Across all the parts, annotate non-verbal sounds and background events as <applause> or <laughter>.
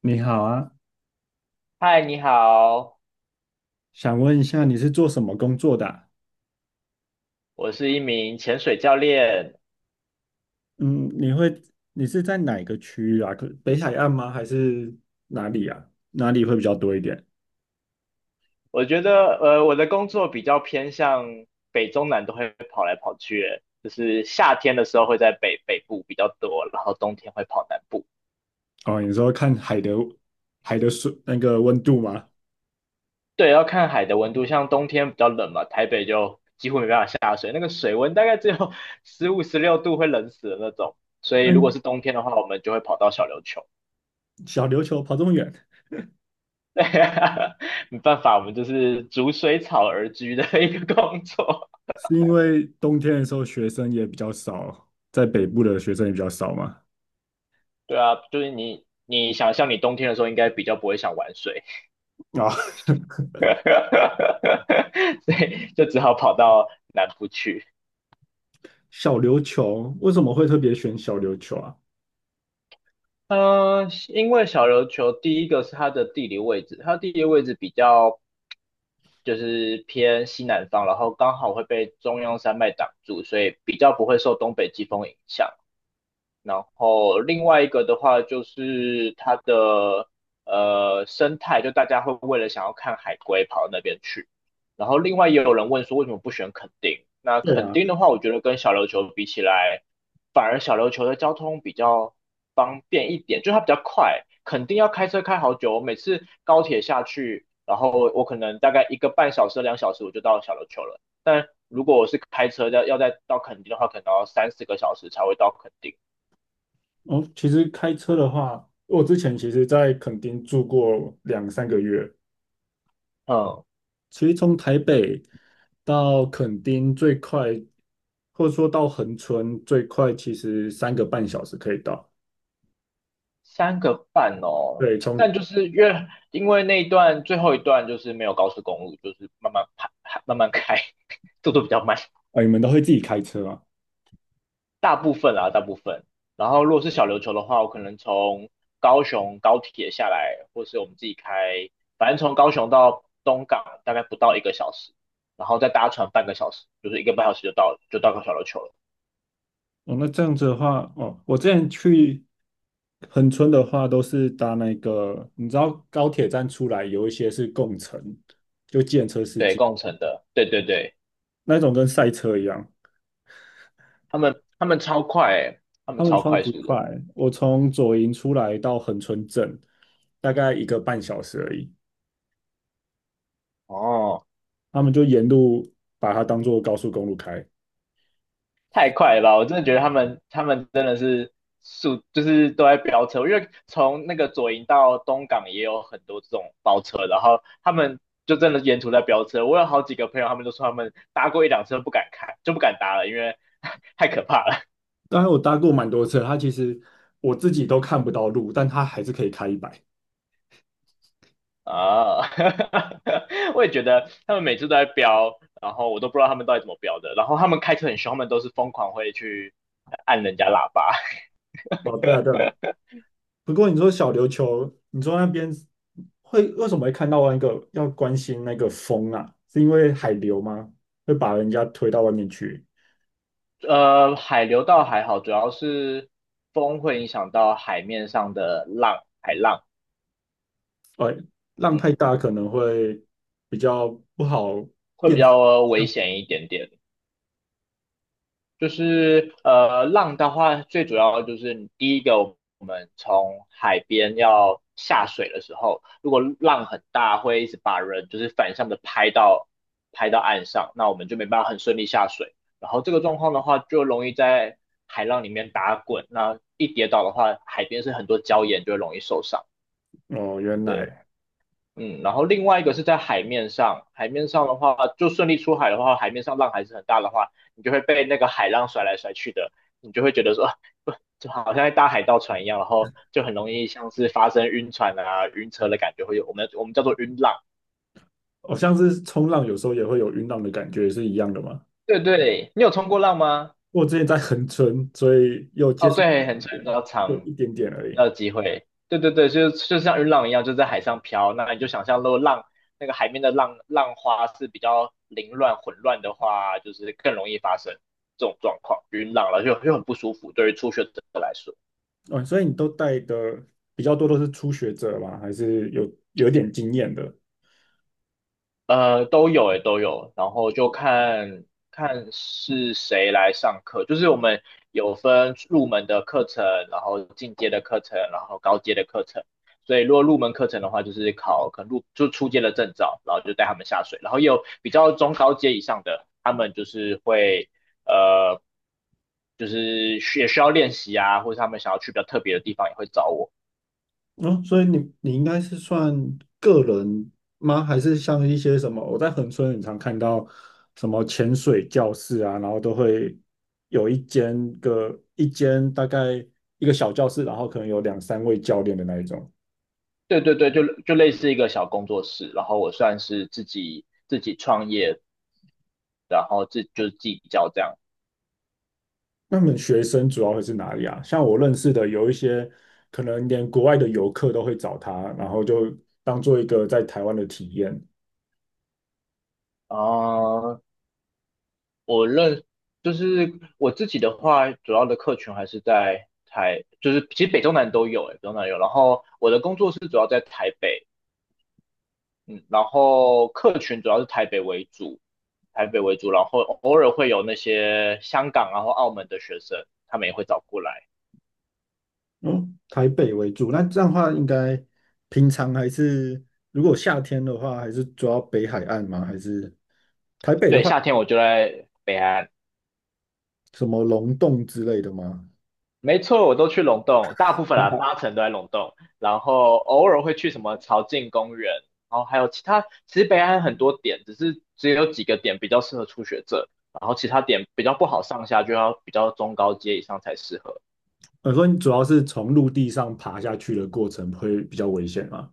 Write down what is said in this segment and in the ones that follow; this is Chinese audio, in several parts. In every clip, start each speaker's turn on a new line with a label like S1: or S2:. S1: 你好啊，
S2: 嗨，你好，
S1: 想问一下你是做什么工作的啊。
S2: 我是一名潜水教练。
S1: 嗯，你是在哪个区域啊？可北海岸吗？还是哪里啊？哪里会比较多一点？
S2: 我觉得，我的工作比较偏向北中南都会跑来跑去，欸就是夏天的时候会在北部比较多，然后冬天会跑南部。
S1: 哦，你说看海的海的水那个温度吗？
S2: 对，要看海的温度，像冬天比较冷嘛，台北就几乎没办法下水，那个水温大概只有 <laughs> 15、16度，会冷死的那种。所以如果
S1: 嗯，
S2: 是冬天的话，我们就会跑到小琉球。
S1: 小琉球跑这么远，
S2: <laughs> 对，没办法，我们就是逐水草而居的一个工作。
S1: 是因为冬天的时候学生也比较少，在北部的学生也比较少吗？
S2: 对啊，就是你想象你冬天的时候应该比较不会想玩水，
S1: 啊，<laughs>
S2: <laughs> 所以就只好跑到南部去。
S1: 小琉球为什么会特别选小琉球啊？
S2: 嗯、因为小琉球第一个是它的地理位置，它的地理位置比较就是偏西南方，然后刚好会被中央山脉挡住，所以比较不会受东北季风影响。然后另外一个的话就是它的生态，就大家会为了想要看海龟跑到那边去。然后另外也有人问说为什么不选垦丁？那
S1: 对
S2: 垦
S1: 啊？
S2: 丁的话，我觉得跟小琉球比起来，反而小琉球的交通比较方便一点，就它比较快，垦丁要开车开好久。我每次高铁下去，然后我可能大概一个半小时、2小时我就到小琉球了。但如果我是开车要再到垦丁的话，可能要三四个小时才会到垦丁。
S1: 哦，其实开车的话，我之前其实在垦丁住过两三个月。
S2: 嗯，
S1: 其实从台北到垦丁最快，或者说到横村最快，其实三个半小时可以到。
S2: 三个半哦，
S1: 对，
S2: 但就是因为那一段最后一段就是没有高速公路，就是慢慢开，慢慢开，<laughs> 速度比较慢，
S1: 你们都会自己开车啊？
S2: 大部分啊，大部分。然后如果是小琉球的话，我可能从高雄高铁下来，或是我们自己开，反正从高雄到东港大概不到一个小时，然后再搭船半个小时，就是一个半小时就到小琉球了。
S1: 哦，那这样子的话，哦，我之前去横村的话，都是搭那个，你知道高铁站出来有一些是共乘，就计程车司
S2: 对，
S1: 机
S2: 共乘的，对对对，
S1: 那种，跟赛车一样。
S2: 他们超快欸他
S1: 他
S2: 们
S1: 们
S2: 超
S1: 超
S2: 快
S1: 级
S2: 速
S1: 快，
S2: 的。
S1: 我从左营出来到横村镇，大概一个半小时而已。
S2: 哦。
S1: 他们就沿路把它当做高速公路开。
S2: 太快了吧！我真的觉得他们真的是就是都在飙车。因为从那个左营到东港也有很多这种包车，然后他们就真的沿途在飙车。我有好几个朋友，他们都说他们搭过一辆车不敢开，就不敢搭了，因为 <laughs> 太可怕了
S1: 当然，我搭过蛮多次，它其实我自己都看不到路，但它还是可以开100。
S2: 啊！<laughs> 我也觉得他们每次都在飙，然后我都不知道他们到底怎么飙的。然后他们开车很凶，他们都是疯狂会去按人家喇叭。
S1: 哦，对啊，对啊。不过你说小琉球，你说那边为什么会看到那个要关心那个风啊？是因为海流吗？会把人家推到外面去？
S2: 海流倒还好，主要是风会影响到海面上的浪，海浪，
S1: 呃，浪太
S2: 嗯，
S1: 大可能会比较不好
S2: 会比
S1: 辨识。
S2: 较危险一点点。就是浪的话，最主要就是第一个，我们从海边要下水的时候，如果浪很大，会一直把人就是反向的拍到岸上，那我们就没办法很顺利下水。然后这个状况的话，就容易在海浪里面打滚，那一跌倒的话，海边是很多礁岩，就会容易受伤。
S1: 哦，原
S2: 对，
S1: 来
S2: 然后另外一个是在海面上，海面上的话，就顺利出海的话，海面上浪还是很大的话，你就会被那个海浪甩来甩去的，你就会觉得说，不，就好像在搭海盗船一样，然后就很容易像是发生晕船啊、晕车的感觉，会有我们叫做晕浪。
S1: 哦，像是冲浪有时候也会有晕浪的感觉，是一样的吗？
S2: 对对，你有冲过浪吗？
S1: 我之前在横村，所以有接
S2: 哦，
S1: 触一
S2: 对，很
S1: 点
S2: 长比
S1: 点，
S2: 较
S1: 就
S2: 长，
S1: 一点点而已。
S2: 要机会。对对对，就像云浪一样，就在海上飘。那你就想象，如果浪那个海面的浪浪花是比较凌乱混乱的话，就是更容易发生这种状况，云浪了就很不舒服，对于初学者来说。
S1: 哦，所以你都带的比较多都是初学者吗？还是有点经验的？
S2: 都有诶，都有，然后就看看是谁来上课，就是我们有分入门的课程，然后进阶的课程，然后高阶的课程。所以如果入门课程的话，就是考可能就初阶的证照，然后就带他们下水，然后也有比较中高阶以上的，他们就是会呃，就是需要练习啊，或者他们想要去比较特别的地方也会找我。
S1: 哦，所以你应该是算个人吗？还是像一些什么？我在横村很常看到什么潜水教室啊，然后都会有一间大概一个小教室，然后可能有两三位教练的那一种。
S2: 对对对，就类似一个小工作室，然后我算是自己创业，然后自就是自比较这样
S1: 那么学生主要会是哪里啊？像我认识的有一些，可能连国外的游客都会找他，然后就当做一个在台湾的体验。
S2: 啊、呃我认就是我自己的话，主要的客群还是就是其实北中南都有、欸，北中南有。然后我的工作室主要在台北，嗯，然后客群主要是台北为主，台北为主，然后偶尔会有那些香港啊或澳门的学生，他们也会找过来。
S1: 嗯，台北为主，那这样的话，应该平常还是如果夏天的话，还是主要北海岸吗？还是台北的
S2: 对，
S1: 话，
S2: 夏天我就在北安。
S1: 什么龙洞之类的吗？
S2: 没错，我都去龙洞，大部分啦，
S1: <laughs>
S2: 八成都在龙洞，然后偶尔会去什么朝境公园，然后还有其他，其实北岸很多点，只是只有几个点比较适合初学者，然后其他点比较不好上下，就要比较中高阶以上才适合。
S1: 我说你主要是从陆地上爬下去的过程会比较危险吗？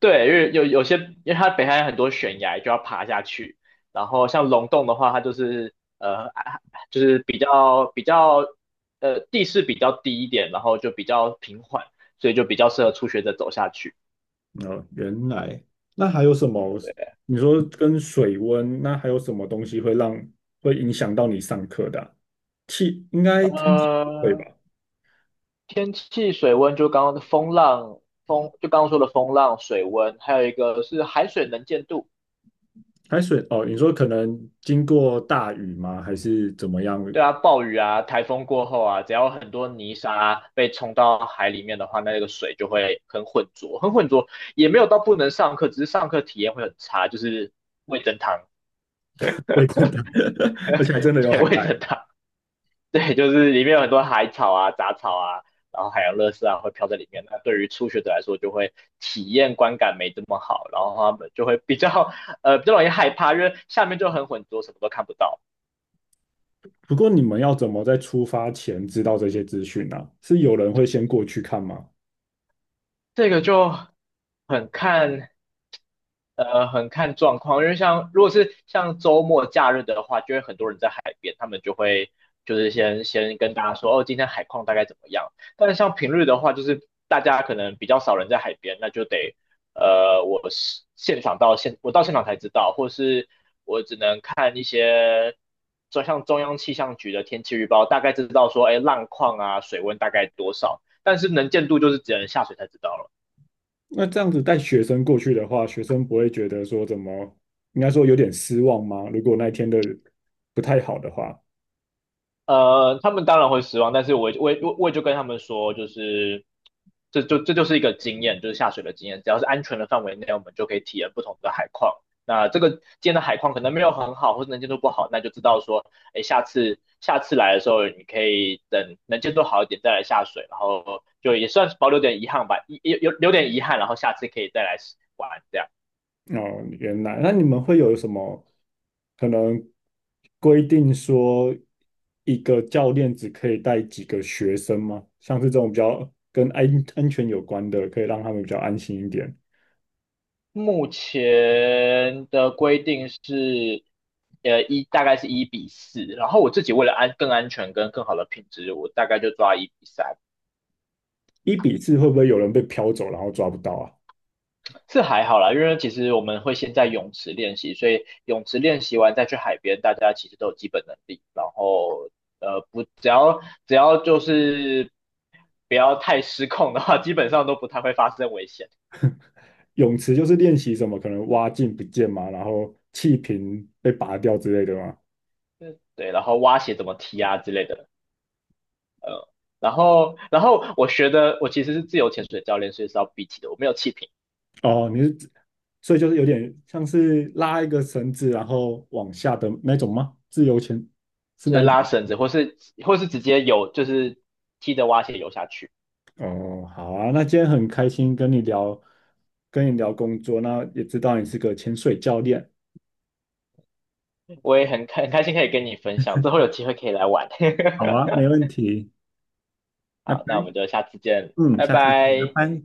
S2: 对，因为有些，因为它北海岸很多悬崖就要爬下去，然后像龙洞的话，它就是就是比较比较呃地势比较低一点，然后就比较平缓，所以就比较适合初学者走下去。
S1: 哦，原来，那还有什么？你说跟水温，那还有什么东西会影响到你上课的啊应该天气不会吧？
S2: 呃，天气、水温，就刚刚的风浪、风，就刚刚说的风浪、水温，还有一个是海水能见度。
S1: 海水哦，你说可能经过大雨吗？还是怎么样？
S2: 对啊，暴雨啊，台风过后啊，只要很多泥沙被冲到海里面的话，那个水就会很浑浊，很浑浊，也没有到不能上课，只是上课体验会很差，就是味噌汤，
S1: 会真的，<laughs> 而且还真
S2: <laughs>
S1: 的有
S2: 对，
S1: 海
S2: 味
S1: 带。
S2: 噌汤。对，就是里面有很多海草啊、杂草啊，然后海洋垃圾啊会飘在里面。那对于初学者来说，就会体验观感没这么好，然后他们就会比较容易害怕，因为下面就很浑浊，什么都看不到。
S1: 不过你们要怎么在出发前知道这些资讯呢、啊是有人会先过去看吗？
S2: 这个就很看很看状况，因为像如果是像周末假日的话，就会很多人在海边，他们就会就是先跟大家说哦，今天海况大概怎么样。但是像平日的话，就是大家可能比较少人在海边，那就得我到现场才知道，或是我只能看一些。就像中央气象局的天气预报，大概知道说，哎，浪况啊，水温大概多少，但是能见度就是只能下水才知道了。
S1: 那这样子带学生过去的话，学生不会觉得说怎么，应该说有点失望吗？如果那一天的不太好的话。
S2: 他们当然会失望，但是我也就跟他们说，就是这就是一个经验，就是下水的经验，只要是安全的范围内，我们就可以体验不同的海况。那这个今天的海况可能没有很好，或者能见度不好，那就知道说，哎，下次来的时候，你可以等能见度好一点再来下水，然后就也算是保留点遗憾吧，有留点遗憾，然后下次可以再来玩这样。
S1: 哦，原来，那你们会有什么可能规定说一个教练只可以带几个学生吗？像是这种比较跟安全有关的，可以让他们比较安心一点。
S2: 目前的规定是，大概是1:4，然后我自己为了更安全跟更好的品质，我大概就抓1:3，
S1: 1:4会不会有人被飘走，然后抓不到啊？
S2: 是还好啦，因为其实我们会先在泳池练习，所以泳池练习完再去海边，大家其实都有基本能力，然后呃不只要就是不要太失控的话，基本上都不太会发生危险。
S1: 泳池就是练习什么，可能蛙镜不见嘛，然后气瓶被拔掉之类的吗？
S2: 对，然后蛙鞋怎么踢啊之类的。呃，然后我学的我其实是自由潜水教练，所以是要闭气的，我没有气瓶，
S1: 哦，你是指，所以就是有点像是拉一个绳子，然后往下的那种吗？自由潜是
S2: 就
S1: 那
S2: 是
S1: 一
S2: 拉
S1: 种。
S2: 绳子或是直接游，就是踢着蛙鞋游下去。
S1: 哦，好啊，那今天很开心跟你聊，跟你聊工作，那也知道你是个潜水教练。
S2: 我也很开心可以跟你分享，之后有机会可以来玩。
S1: 好啊，没问题，
S2: <laughs>
S1: 拜
S2: 好，那我们
S1: 拜。
S2: 就下次见，
S1: 嗯，
S2: 拜
S1: 下次见，
S2: 拜。
S1: 拜拜。